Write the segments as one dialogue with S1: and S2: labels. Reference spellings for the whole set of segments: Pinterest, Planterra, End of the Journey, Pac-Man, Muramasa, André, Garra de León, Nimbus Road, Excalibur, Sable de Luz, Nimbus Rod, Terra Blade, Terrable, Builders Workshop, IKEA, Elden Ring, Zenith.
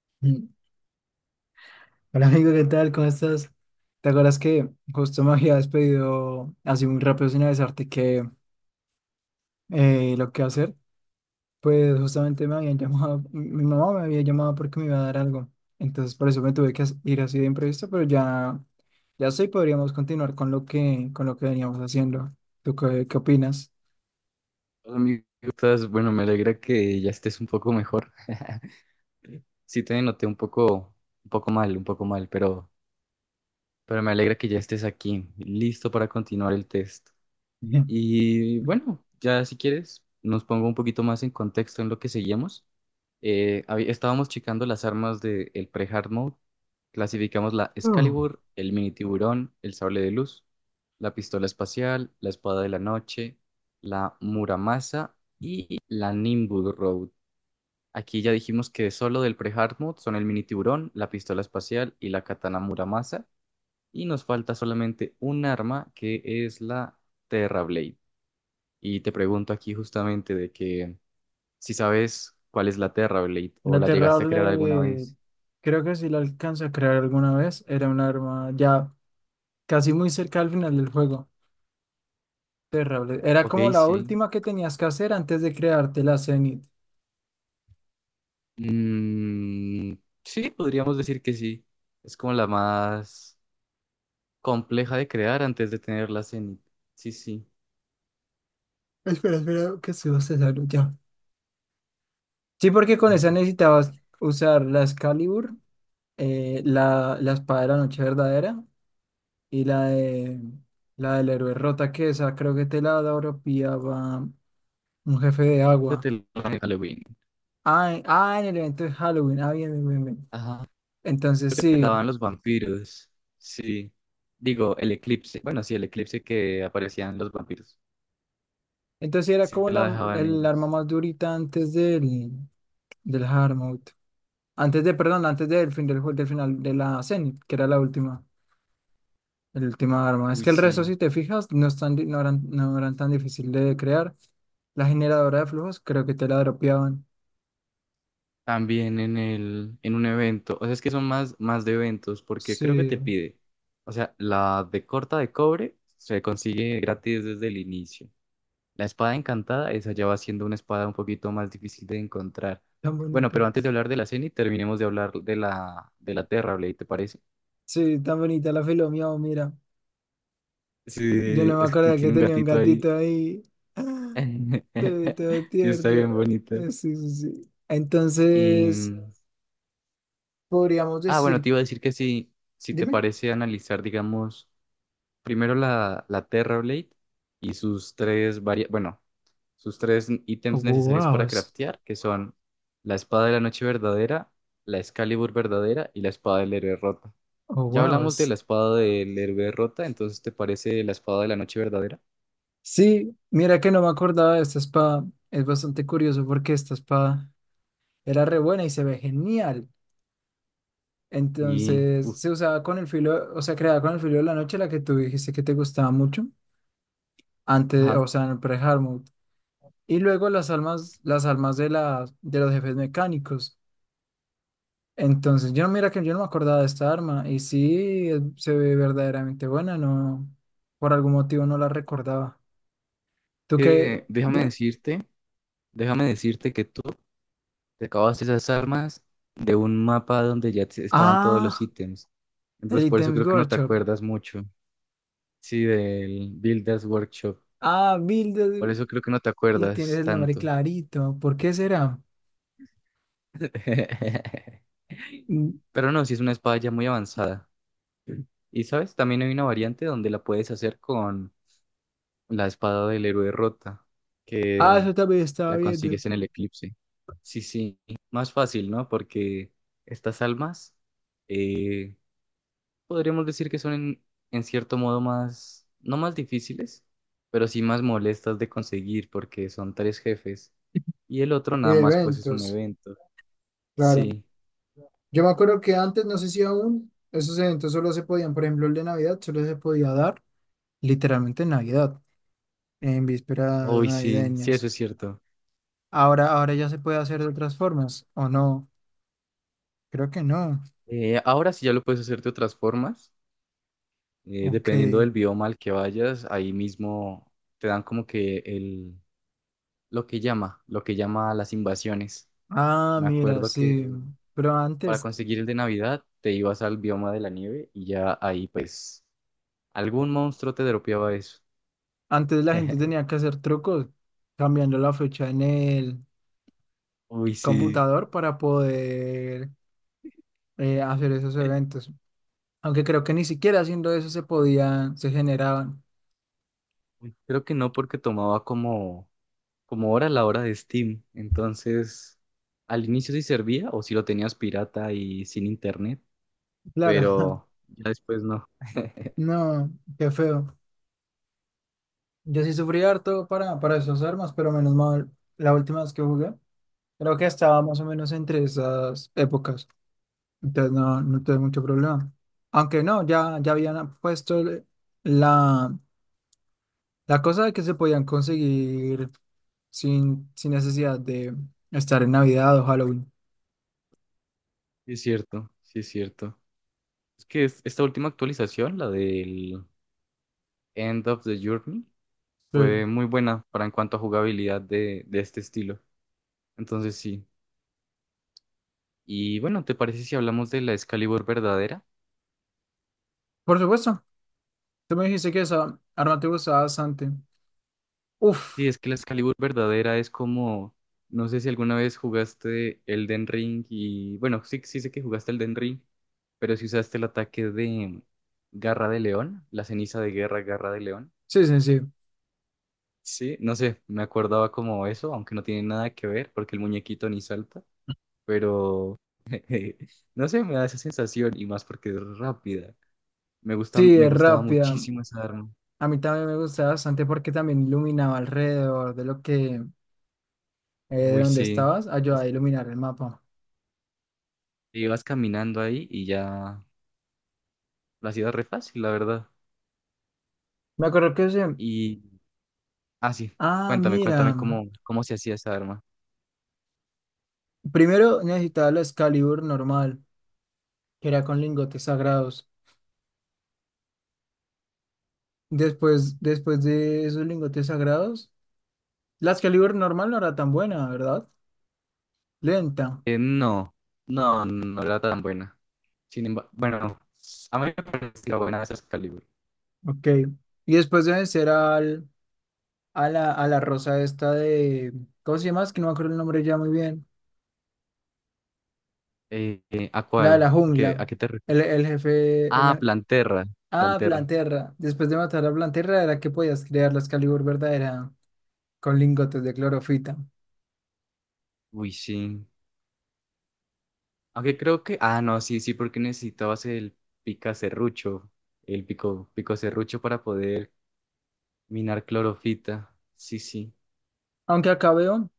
S1: Mm. Hola, amigo, ¿qué tal? ¿Cómo estás? ¿Te acuerdas que justo me habías pedido así muy rápido sin avisarte que lo que hacer? Pues justamente me habían llamado, mi mamá me había llamado porque me iba a dar algo. Entonces por eso me tuve que ir así de imprevisto, pero ya, ya sí podríamos continuar con lo que veníamos haciendo. ¿Tú qué, qué opinas?
S2: Hola, amigo, ¿cómo estás? Bueno, me alegra que ya estés un poco mejor. Sí, te noté un poco mal, pero me alegra que ya estés aquí, listo para continuar el test.
S1: Bien.
S2: Y bueno, ya si quieres, nos pongo un poquito más en contexto en lo que seguimos. Estábamos checando las armas del pre-hard mode. Clasificamos la
S1: Mm.
S2: Excalibur, el mini tiburón, el sable de luz, la pistola espacial, la espada de la noche, la Muramasa y la Nimbus Road. Aquí ya dijimos que solo del pre-hard mode son el mini tiburón, la pistola espacial y la katana Muramasa. Y nos falta solamente un arma que es la Terra Blade. Y te pregunto aquí justamente de que si sabes cuál es la Terra Blade o
S1: La
S2: la llegaste a crear alguna
S1: Terrable,
S2: vez.
S1: creo que sí la alcanza a crear alguna vez. Era un arma ya casi muy cerca al final del juego. Terrible. Era
S2: Ok,
S1: como la
S2: sí.
S1: última que tenías que hacer antes de crearte la Zenith.
S2: Mm, sí, podríamos decir que sí. Es como la más compleja de crear antes de tener la Zenith. Sí, sí.
S1: Espera, espera, que se se ya. Sí, porque con esa necesitabas usar la Excalibur, la espada de la noche verdadera y la del héroe rota, que esa creo que te la dropeaba un jefe de
S2: Yo
S1: agua.
S2: te lo Halloween.
S1: Ah, en el evento de Halloween. Ah, bien, bien, bien, bien.
S2: Ajá.
S1: Entonces sí.
S2: Daban los vampiros. Sí. Digo, el eclipse. Bueno, sí, el eclipse que aparecían los vampiros.
S1: Entonces sí era
S2: Sí,
S1: como
S2: te
S1: la,
S2: la dejaban
S1: el arma
S2: ellos.
S1: más durita antes del, del Hard Mode. Antes de, perdón, antes del del final de la Zenith, que era la última, el última arma. Es
S2: Uy,
S1: que el
S2: sí.
S1: resto, si te fijas, no, están, no, eran, no eran tan difícil de crear. La generadora de flujos, creo que te la dropeaban.
S2: También en el, en un evento. O sea, es que son más, más de eventos, porque creo que
S1: Sí,
S2: te pide. O sea, la de corta de cobre se consigue gratis desde el inicio. La espada encantada, esa ya va siendo una espada un poquito más difícil de encontrar.
S1: tan
S2: Bueno,
S1: bonita.
S2: pero antes de hablar de la y terminemos de hablar de la Terra, ¿te parece?
S1: Sí, tan bonita la filo miau, mira. Yo
S2: Sí,
S1: no me
S2: es que
S1: acuerdo que
S2: tiene un
S1: tenía un
S2: gatito ahí.
S1: gatito ahí. Todo, todo
S2: Sí, está
S1: tierno.
S2: bien bonito.
S1: Sí, sí, sí.
S2: Y,
S1: Entonces,
S2: mm,
S1: podríamos
S2: bueno,
S1: decir,
S2: te iba a decir que si, si te
S1: dime.
S2: parece analizar, digamos, primero la, la Terra Blade y bueno, sus tres
S1: Oh,
S2: ítems necesarios
S1: wow.
S2: para craftear, que son la espada de la noche verdadera, la Excalibur verdadera y la espada del héroe rota.
S1: Oh,
S2: Ya
S1: wow.
S2: hablamos de la espada del héroe rota, entonces ¿te parece la espada de la noche verdadera?
S1: Sí, mira que no me acordaba de esta espada. Es bastante curioso porque esta espada era re buena y se ve genial.
S2: Y,
S1: Entonces
S2: uff,
S1: se usaba con el filo, o sea, creada con el filo de la noche, la que tú dijiste que te gustaba mucho, antes,
S2: ajá.
S1: o sea, en el pre-Hardmode. Y luego las almas, las de los jefes mecánicos. Entonces, yo no, mira que yo no me acordaba de esta arma y sí, se ve verdaderamente buena, no, por algún motivo no la recordaba. ¿Tú qué?
S2: Eh, déjame
S1: Dime.
S2: decirte, déjame decirte que tú sacabas esas armas de un mapa donde estaban todos los
S1: Ah,
S2: ítems.
S1: el
S2: Entonces, por eso
S1: items
S2: creo que no te
S1: Workshop.
S2: acuerdas mucho. Sí, del Builders Workshop.
S1: Ah, Mildred,
S2: Por eso creo que no te
S1: y tienes
S2: acuerdas
S1: el nombre
S2: tanto.
S1: clarito. ¿Por qué será? Mm,
S2: Pero no, sí es una espada ya muy avanzada. Y sabes, también hay una variante donde la puedes hacer con la espada del héroe rota,
S1: Ah,
S2: que
S1: eso también estaba
S2: la
S1: viendo.
S2: consigues en el eclipse. Sí, sí, más fácil, ¿no? Porque estas almas eh, podríamos decir que son en cierto modo más, no más difíciles, pero sí más molestas de conseguir porque son tres jefes y el otro
S1: Y
S2: nada
S1: de
S2: más pues es un
S1: eventos,
S2: evento.
S1: claro.
S2: Sí,
S1: Yo me acuerdo que antes, no sé si aún, esos eventos solo se podían, por ejemplo, el de Navidad, solo se podía dar literalmente en Navidad, en vísperas
S2: hoy sí, sí,
S1: navideñas.
S2: eso es cierto.
S1: Ahora, ahora ya se puede hacer de otras formas, ¿o no? Creo que no.
S2: Ahora sí ya lo puedes hacer de otras formas,
S1: Ok.
S2: dependiendo del bioma al que vayas, ahí mismo te dan como que el, lo que llama las invasiones.
S1: Ah,
S2: Me
S1: mira,
S2: acuerdo
S1: sí.
S2: que
S1: Pero
S2: para
S1: antes,
S2: conseguir el de Navidad te ibas al bioma de la nieve y ya ahí pues algún monstruo te dropeaba eso.
S1: antes la gente tenía que hacer trucos, cambiando la fecha en el
S2: Uy, sí.
S1: computador para poder hacer esos eventos. Aunque creo que ni siquiera haciendo eso se podían, se generaban.
S2: Creo que no porque tomaba como, como hora la hora de Steam. Entonces, al inicio sí servía o si lo tenías pirata y sin internet,
S1: Claro,
S2: pero ya después no.
S1: no, qué feo. Yo sí sufrí harto para esas armas, pero menos mal, la última vez que jugué, creo que estaba más o menos entre esas épocas. Entonces no, no tuve mucho problema. Aunque no, ya, ya habían puesto la, la cosa de que se podían conseguir sin, sin necesidad de estar en Navidad o Halloween.
S2: Sí es cierto, sí es cierto. Es que esta última actualización, la del End of the Journey,
S1: Sí.
S2: fue muy buena para en cuanto a jugabilidad de este estilo. Entonces sí. Y bueno, ¿te parece si hablamos de la Excalibur verdadera?
S1: Por supuesto, tú me dijiste que esa arma te gustaba bastante. Uf,
S2: Sí, es que la Excalibur verdadera es como, no sé si alguna vez jugaste Elden Ring y, bueno, sí, sí sé que jugaste Elden Ring, pero si usaste el ataque de Garra de León, la ceniza de guerra Garra de León.
S1: sí, sí, sí.
S2: Sí, no sé, me acordaba como eso, aunque no tiene nada que ver porque el muñequito ni salta, pero eh, no sé, me da esa sensación y más porque es rápida. Me gusta,
S1: Sí,
S2: me
S1: es
S2: gustaba
S1: rápida.
S2: muchísimo esa arma.
S1: A mí también me gustaba bastante porque también iluminaba alrededor de lo que, de
S2: Uy,
S1: donde
S2: sí.
S1: estabas, ayudaba
S2: Entonces,
S1: a iluminar el mapa.
S2: te ibas caminando ahí y ya la hacías re fácil, la verdad.
S1: Me acuerdo que ese,
S2: Y, ah, sí,
S1: ah,
S2: cuéntame,
S1: mira,
S2: cuéntame cómo, cómo se hacía esa arma.
S1: primero necesitaba la Excalibur normal, que era con lingotes sagrados. Después, después de esos lingotes sagrados, la Excalibur normal no era tan buena, ¿verdad? Lenta.
S2: No, no, no era tan buena. Sin embargo, bueno, a mí me parecía buena esa Excalibur.
S1: Ok. Y después de vencer al a la rosa esta de, ¿cómo se llama? Es que no me acuerdo el nombre ya muy bien.
S2: ¿A
S1: La de la
S2: cuál?
S1: jungla,
S2: A qué te refieres?
S1: el jefe, el,
S2: Ah,
S1: me-
S2: Planterra,
S1: ah,
S2: Planterra.
S1: Planterra. Después de matar a Planterra era que podías crear la Excalibur verdadera con lingotes de clorofita.
S2: Uy, sí. Aunque creo que, ah, no, sí, sí, porque necesitabas el pica serrucho, el pico, pico serrucho para poder minar clorofita. Sí, sí,
S1: Aunque acá veo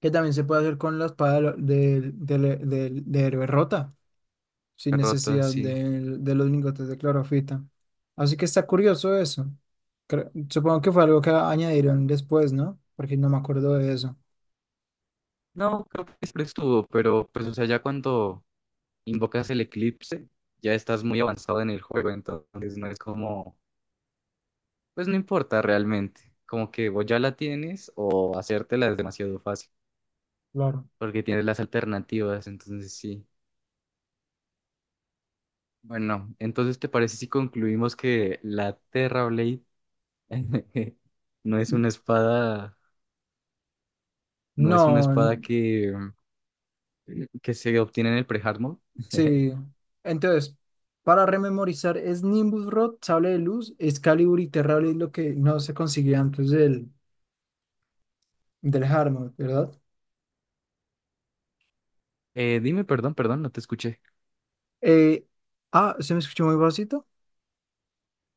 S1: que también se puede hacer con la espada del del del- del- de héroe rota, sin
S2: rota,
S1: necesidad
S2: sí.
S1: de los lingotes de clorofita. Así que está curioso eso. Supongo que fue algo que añadieron después, ¿no? Porque no me acuerdo de eso.
S2: No, creo que siempre estuvo, pero pues, o sea, ya cuando invocas el eclipse, ya estás muy avanzado en el juego, entonces no es como, pues no importa realmente, como que vos ya la tienes o hacértela es demasiado fácil,
S1: Claro.
S2: porque tienes las alternativas, entonces sí. Bueno, entonces ¿te parece si concluimos que la Terra Blade no es una espada, no es una
S1: No,
S2: espada que se obtiene en el pre-hard mode?
S1: sí. Entonces, para rememorizar, es Nimbus Rod, Sable de Luz, Excalibur y Terrable es lo que no se conseguía antes del, del Hardmode, ¿verdad?
S2: Dime, perdón, perdón, no te escuché.
S1: Eh, ah, ¿se me escuchó muy bajito?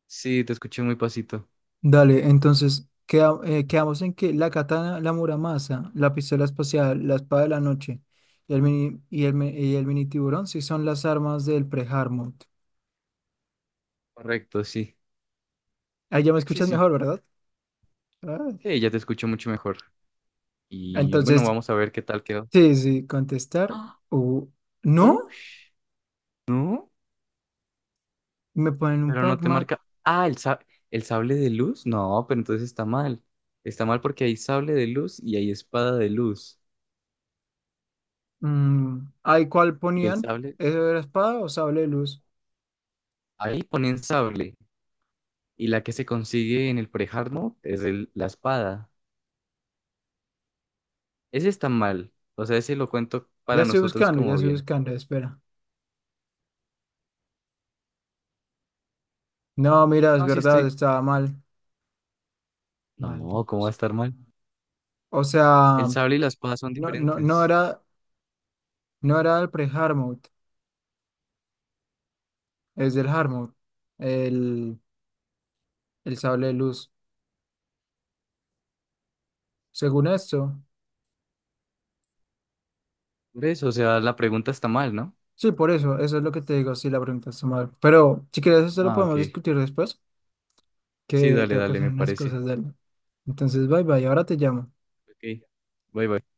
S2: Sí, te escuché muy pasito.
S1: Dale, quedamos en que la katana, la muramasa, la pistola espacial, la espada de la noche y el mini, y el, me- y el mini tiburón sí son las armas del pre-Hardmode.
S2: Correcto, sí.
S1: Ahí ya me
S2: Sí,
S1: escuchas
S2: sí.
S1: mejor, ¿verdad? Ah,
S2: Sí, ya te escucho mucho mejor. Y bueno,
S1: entonces,
S2: vamos a ver qué tal quedó.
S1: sí, sí, contestar.
S2: ¡Ah!
S1: O ¿no?
S2: ¡Ush! No,
S1: Me ponen un
S2: pero no te
S1: Pac-Man.
S2: marca. El sable de luz. No, pero entonces está mal. Está mal porque hay sable de luz y hay espada de luz.
S1: Mm, ¿ahí cuál
S2: Y el
S1: ponían?
S2: sable,
S1: ¿Eso era espada o sable de luz?
S2: ahí ponen sable. Y la que se consigue en el pre-hard mode es la espada. Ese está mal. O sea, ese lo cuento para nosotros
S1: Ya
S2: como
S1: estoy
S2: bien.
S1: buscando, espera. No, mira, es
S2: No, sí
S1: verdad,
S2: estoy.
S1: estaba mal.
S2: No, ¿cómo va a
S1: Malditos.
S2: estar mal?
S1: O sea,
S2: El sable y la espada son
S1: no, no, no
S2: diferentes.
S1: era, no era el pre-hard mode, es del hard mode, el, el sable de luz. Según esto,
S2: Por eso, o sea, la pregunta está mal, ¿no?
S1: sí, por eso, eso es lo que te digo, sí, la pregunta está mal. Pero si quieres, eso lo
S2: Ah, ok.
S1: podemos discutir después,
S2: Sí,
S1: que
S2: dale,
S1: tengo que
S2: dale,
S1: hacer
S2: me
S1: unas
S2: parece.
S1: cosas de él. Entonces, bye bye, ahora te llamo.
S2: Ok. Bye, bye.